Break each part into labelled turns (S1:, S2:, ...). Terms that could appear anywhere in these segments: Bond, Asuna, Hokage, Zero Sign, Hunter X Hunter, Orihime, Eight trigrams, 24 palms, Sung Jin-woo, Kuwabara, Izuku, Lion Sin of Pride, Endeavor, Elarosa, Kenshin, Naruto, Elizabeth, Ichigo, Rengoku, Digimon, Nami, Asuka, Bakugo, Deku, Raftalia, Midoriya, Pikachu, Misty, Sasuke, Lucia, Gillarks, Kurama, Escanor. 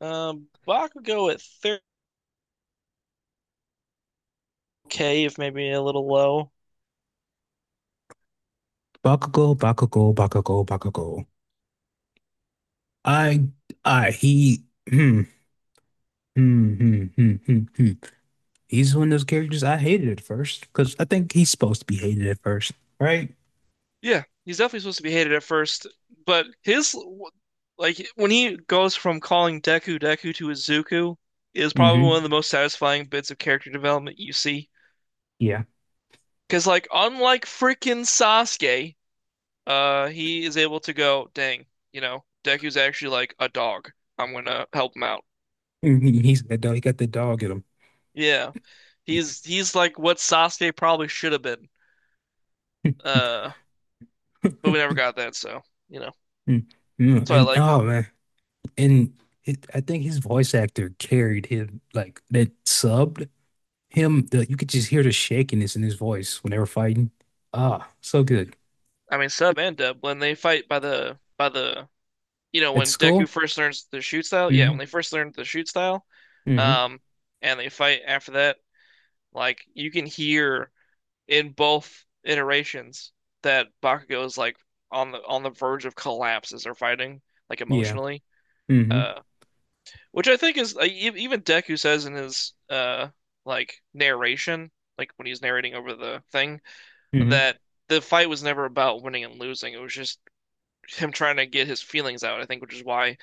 S1: Bach would go at 30K, if maybe a little low.
S2: Bakugo, Bakugo, Bakugo, Bakugo. I, I, he, hmm, hmm, hmm, hmm, hmm, hmm. He's one of those characters I hated at first because I think he's supposed to be hated at first, right?
S1: Yeah, he's definitely supposed to be hated at first, but his, like, when he goes from calling Deku Deku to Izuku is probably
S2: Mm-hmm.
S1: one of the most satisfying bits of character development you see.
S2: Yeah.
S1: Because like unlike freaking Sasuke, he is able to go, dang, you know, Deku's actually like a dog. I'm gonna help him out.
S2: Mhm. He's that dog. He got the dog in him.
S1: Yeah, he's like what Sasuke probably should have been. Uh, but we never got that, so you know.
S2: Mm-hmm.
S1: So I
S2: And
S1: like,
S2: oh man, and I think his voice actor carried him like that subbed him. You could just hear the shakiness in his voice when they were fighting. Ah, so good
S1: I mean, Sub and Dub when they fight by the by the, you know,
S2: at
S1: when
S2: school.
S1: Deku first learns the shoot style, yeah, when
S2: Mm-hmm.
S1: they first learned the shoot style,
S2: Mm-hmm.
S1: um, and they fight after that, like you can hear in both iterations that Bakugo is like on the verge of collapse as they're fighting, like
S2: Yeah.
S1: emotionally,
S2: Mhm.
S1: uh, which I think is like, even Deku says in his like narration, like when he's narrating over the thing,
S2: Hmm.
S1: that the fight was never about winning and losing. It was just him trying to get his feelings out, I think, which is why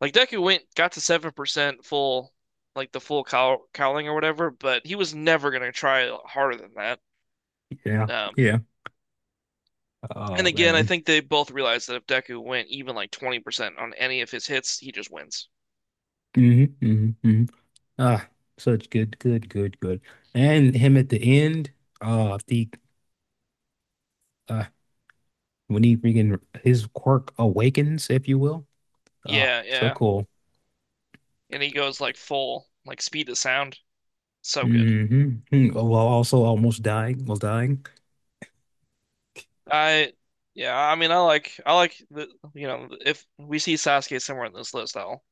S1: like Deku went got to 7% full, like the full cowling or whatever, but he was never going to try harder than that.
S2: Yeah.
S1: Um
S2: Yeah.
S1: and
S2: Oh
S1: again, I
S2: man.
S1: think they both realized that if Deku went even like 20% on any of his hits, he just wins.
S2: hmm hmm hmm Ah, such good, good, good, good. And him at the end, the uh, when he freaking his quirk awakens, if you will. Ah,
S1: Yeah,
S2: so
S1: yeah.
S2: cool.
S1: And he goes like full, like speed to sound. So good.
S2: Mm-hmm. Oh, well, also almost dying, almost dying.
S1: I Yeah, I mean I like the, you know, if we see Sasuke somewhere on this list, I'll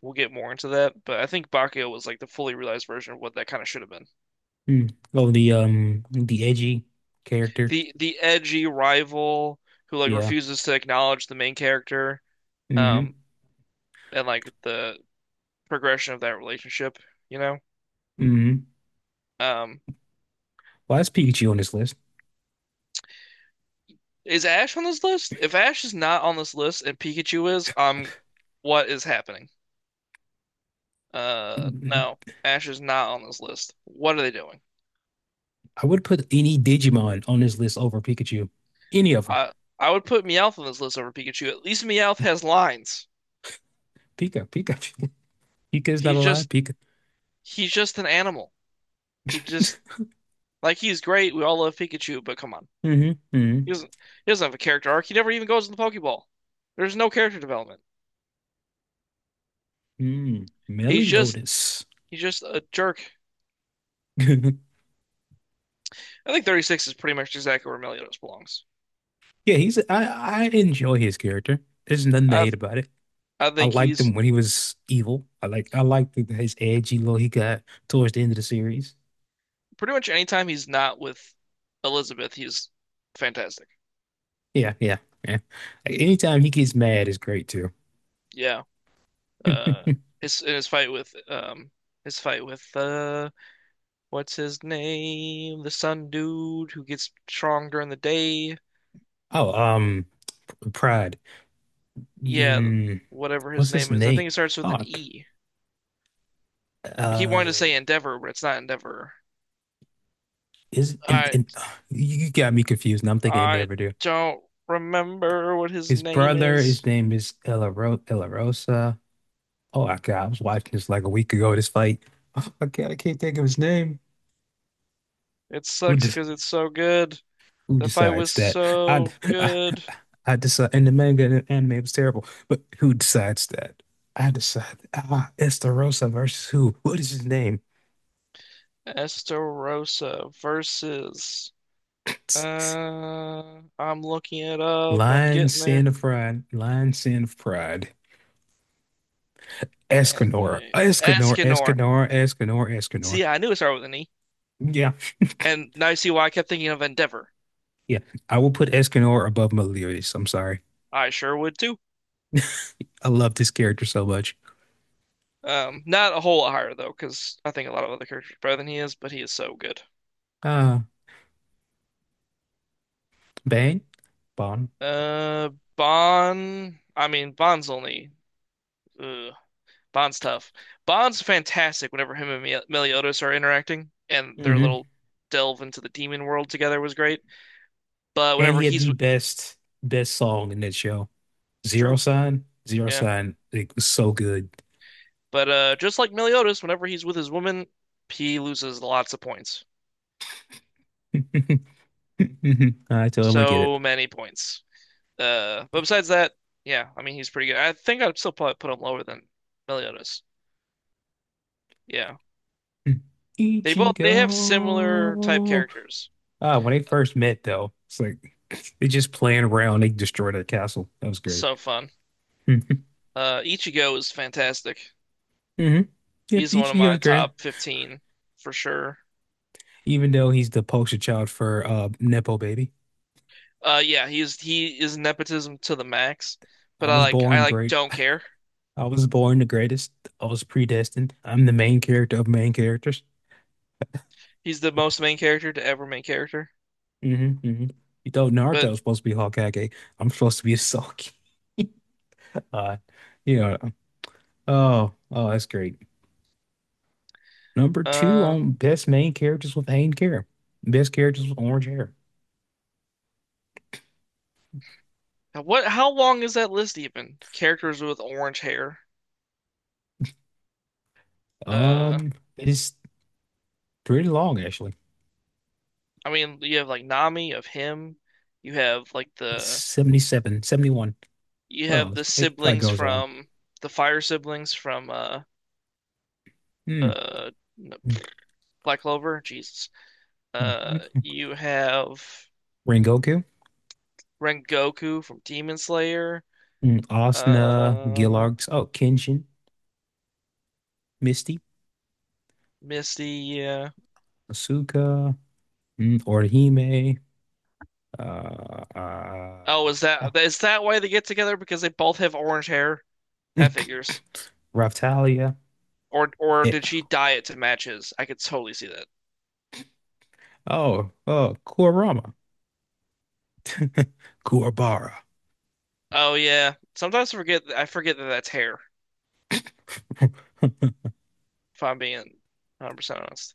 S1: we'll get more into that. But I think Bakugo was like the fully realized version of what that kind of should have been.
S2: Mm. Oh, the edgy character.
S1: The edgy rival who like
S2: Yeah.
S1: refuses to acknowledge the main character,
S2: hmm
S1: um, and like the progression of that relationship, you know?
S2: hmm
S1: Um,
S2: Well, that's Pikachu on this list.
S1: is Ash on this list? If Ash is not on this list and Pikachu is, what is happening?
S2: Mhm.
S1: No, Ash is not on this list. What are they doing?
S2: I would put any Digimon on this list over Pikachu. Any of them.
S1: I I would put Meowth on this list over Pikachu. At least Meowth has lines.
S2: Pika, Pika, Pika is not
S1: He's
S2: alive.
S1: just
S2: Pika.
S1: he's just an animal. He just like he's great. We all love Pikachu, but come on,
S2: hmm
S1: he
S2: hmm
S1: doesn't he doesn't have a character arc. He never even goes to the Pokeball. There's no character development.
S2: Mm.
S1: He's just
S2: Meliodas.
S1: he's just a jerk. I think 36 is pretty much exactly where Meliodas belongs.
S2: Yeah, he's. I enjoy his character. There's nothing to
S1: I
S2: hate about it.
S1: I
S2: I
S1: think
S2: liked
S1: he's
S2: him when he was evil. I like. I liked the- his edgy look he got towards the end of the series.
S1: pretty much anytime he's not with Elizabeth, he's fantastic.
S2: Yeah, yeah, yeah. Like, anytime he gets mad is great too.
S1: Yeah. Uh, his in his fight with what's his name? The sun dude who gets strong during the day.
S2: Oh, P- Pride.
S1: Yeah,
S2: Mm,
S1: whatever his
S2: what's his
S1: name is. I think
S2: name?
S1: it starts with an
S2: Oh,
S1: E. I keep wanting to
S2: uh,
S1: say Endeavor, but it's not Endeavor.
S2: is and
S1: I
S2: and you got me confused. And I'm thinking it
S1: I
S2: never do.
S1: don't remember what his
S2: His
S1: name
S2: brother, his
S1: is.
S2: name is Elarosa. Elarosa. Oh my, I was watching this like a week ago, this fight. Oh God, I can't think of his name.
S1: It
S2: Who de
S1: sucks because it's so good.
S2: who
S1: The fight
S2: decides
S1: was
S2: that? I
S1: so
S2: I,
S1: good.
S2: I decide in the manga and the anime it was terrible, but who decides that? I decide it's the Rosa versus who? What is his name?
S1: Esterosa versus. I'm looking it up. I'm
S2: Lion
S1: getting
S2: Sin
S1: there.
S2: of Pride. Lion Sin of Pride. Escanor.
S1: Anime.
S2: Escanor.
S1: Escanor.
S2: Escanor. Escanor. Escanor.
S1: See, I knew it started with an E.
S2: Yeah.
S1: And now you see why I kept thinking of Endeavor.
S2: Yeah. I will put Escanor above Meliodas. I'm sorry.
S1: I sure would too.
S2: I loved his character so much.
S1: Not a whole lot higher though, because I think a lot of other characters are better than he is, but he is so good.
S2: Uh, Bang, Bond.
S1: Uh, Bond. I mean, Bond's only. Ugh, Bond's tough. Bond's fantastic whenever him and Meliodas are interacting, and their
S2: hmm
S1: little delve into the demon world together was great. But
S2: And he had the best, best song in that show. Zero
S1: true,
S2: Sign, Zero
S1: yeah.
S2: Sign. It was so good.
S1: But just like Meliodas, whenever he's with his woman, he loses lots of points.
S2: I totally get it.
S1: So many points. But besides that, yeah, I mean he's pretty good. I think I'd still probably put him lower than Meliodas. Yeah, they both, they have similar type
S2: Ichigo.
S1: characters.
S2: Ah, when they first met, though, it's like they just playing around. They destroyed a castle. That was great.
S1: So fun. Ichigo is fantastic.
S2: Mm-hmm. Yep,
S1: He's one of my
S2: Ichigo's great.
S1: top 15 for sure.
S2: Even though he's the poster child for Nepo Baby.
S1: Yeah, he is nepotism to the max,
S2: I
S1: but I
S2: was
S1: like I
S2: born
S1: like
S2: great.
S1: don't care.
S2: I was born the greatest. I was predestined. I'm the main character of main characters.
S1: He's the most main character to ever main character.
S2: hmm hmm You thought Naruto
S1: But
S2: was supposed to be Hokage. I'm supposed to be a Sasuke. Uh, yeah. Oh, oh, that's great. Number two
S1: uh,
S2: on best main characters with Hayden hair. Best characters with orange hair.
S1: what? How long is that list even? Characters with orange hair. Uh.
S2: It's pretty long actually.
S1: I mean, you have like Nami of him. You have like
S2: It's
S1: the
S2: 77, 71.
S1: you
S2: Well,
S1: have
S2: it's,
S1: the
S2: it probably
S1: siblings
S2: goes on.
S1: from the fire siblings from
S2: Hmm.
S1: uh no,
S2: Mm,
S1: Black Clover. Jesus.
S2: mm, mm.
S1: You have
S2: Rengoku,
S1: Rengoku from Demon Slayer.
S2: Asuna,
S1: Uh,
S2: Gillarks, oh, Kenshin, Misty.
S1: Misty. Yeah.
S2: Asuka, Orihime, uh,
S1: Oh,
S2: uh,
S1: is
S2: uh,
S1: that is that why they get together? Because they both have orange hair? That figures.
S2: Raftalia.
S1: Or
S2: Eh,
S1: did she dye it to match his? I could totally see that.
S2: oh, oh, Kurama, Kuwabara.
S1: Oh yeah. Sometimes I forget that that's hair. If I'm being 100% honest.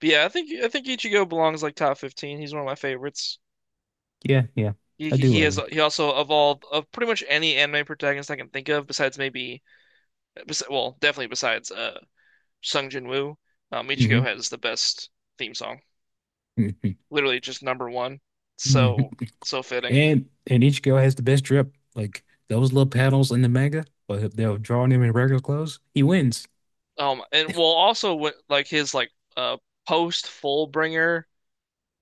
S1: But yeah, I think Ichigo belongs like top 15. He's one of my favorites.
S2: Yeah, yeah,
S1: He
S2: I do
S1: he has
S2: love
S1: he also of all of pretty much any anime protagonist I can think of besides maybe bes well, definitely besides Sung Jin-woo, Ichigo
S2: him.
S1: has the best theme song.
S2: Mm-hmm.
S1: Literally just number one.
S2: hmm hmm
S1: So so fitting.
S2: and each girl has the best drip. Like those little panels in the manga, but they'll draw him in regular clothes. He wins.
S1: And well also with like his uh post Fullbringer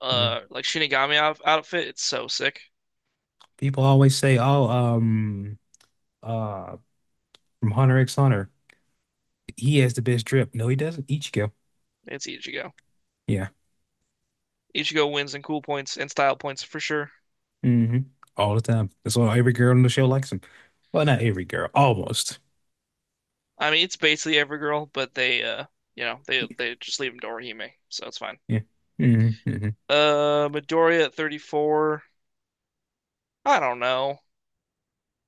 S2: Mhm.
S1: like Shinigami outfit, it's so sick.
S2: People always say, "Oh, uh, from Hunter X Hunter, he has the best drip." No, he doesn't. Ichigo.
S1: It's Ichigo.
S2: Yeah.
S1: Ichigo wins in cool points and style points for sure.
S2: hmm All the time. That's why every girl on the show likes him. Well, not every girl, almost.
S1: I mean, it's basically Evergirl, but you know, they just leave him to Orihime, so it's fine.
S2: Yeah. hmm hmm
S1: Midoriya at 34. I don't know.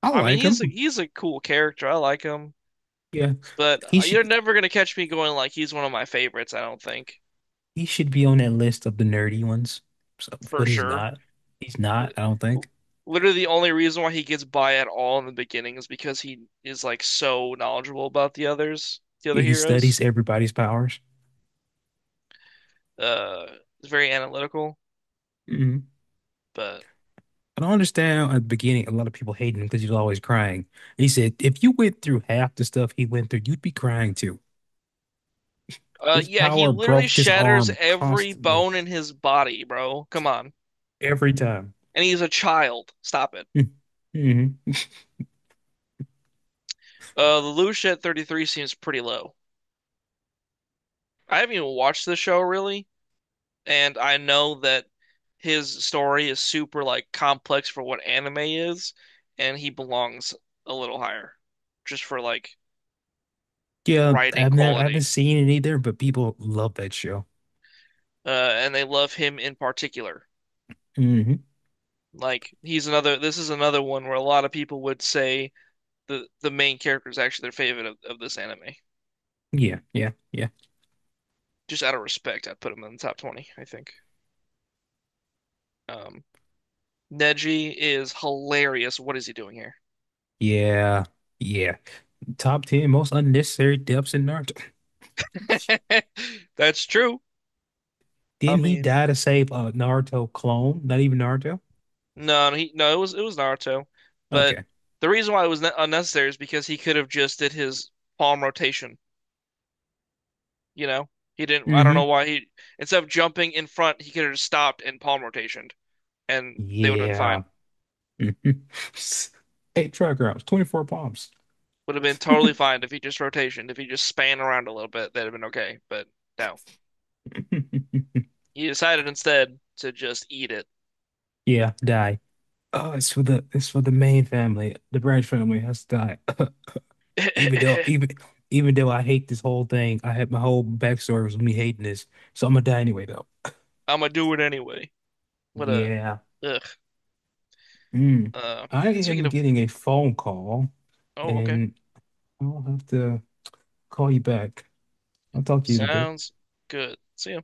S2: I
S1: I mean,
S2: like
S1: he's a
S2: him.
S1: he's a cool character. I like him,
S2: Yeah.
S1: but
S2: He should
S1: you're never gonna catch me going like he's one of my favorites. I don't think,
S2: he should be on that list of the nerdy ones. So,
S1: for
S2: but he's
S1: sure.
S2: not. He's not, I don't think.
S1: Literally, the only reason why he gets by at all in the beginning is because he is like so knowledgeable about the others, the
S2: Yeah,
S1: other
S2: he studies
S1: heroes.
S2: everybody's powers.
S1: Uh, it's very analytical,
S2: hmm
S1: but
S2: I don't understand at the beginning a lot of people hating him because he's always crying. He said, if you went through half the stuff he went through, you'd be crying too.
S1: uh,
S2: His
S1: yeah, he
S2: power
S1: literally
S2: broke his
S1: shatters
S2: arm
S1: every
S2: constantly,
S1: bone in his body, bro. Come on.
S2: every time.
S1: And he's a child. Stop it.
S2: Hmm.
S1: The Lucia at 33 seems pretty low. I haven't even watched the show really, and I know that his story is super like complex for what anime is, and he belongs a little higher just for like
S2: Yeah,
S1: writing
S2: I haven't
S1: quality.
S2: seen it either, but people love that show.
S1: And they love him in particular.
S2: Hmm.
S1: Like he's another, this is another one where a lot of people would say the main character is actually their favorite of this anime.
S2: Yeah, yeah, yeah,
S1: Just out of respect, I'd put him in the top 20, I think. Um, Neji is hilarious. What is he doing here?
S2: yeah, yeah. Top 10 most unnecessary deaths in Naruto.
S1: That's true. I
S2: Didn't he
S1: mean,
S2: die to save a Naruto clone? Not even Naruto?
S1: no, he no, it was Naruto, but
S2: Okay.
S1: the reason why it was unnecessary is because he could have just did his palm rotation, you know? He didn't I don't know
S2: Hmm.
S1: why he instead of jumping in front, he could have just stopped and palm rotationed and they would have been
S2: Yeah.
S1: fine.
S2: Mhm. Eight trigrams, 24 palms.
S1: Would have been totally fine if he just rotationed, if he just span around a little bit, that'd have been okay. But no, he decided instead to just eat it.
S2: Yeah, die. Oh, it's for the main family. The branch family has to die. even though even even though I hate this whole thing, I had my whole backstory was me hating this, so I'm gonna die anyway though.
S1: I'm gonna do it anyway. What a
S2: Yeah.
S1: ugh.
S2: Mm.
S1: Uh,
S2: I
S1: speaking
S2: am
S1: of,
S2: getting a phone call,
S1: oh, okay,
S2: and I'll have to call you back. I'll talk to you in a bit.
S1: sounds good. See ya.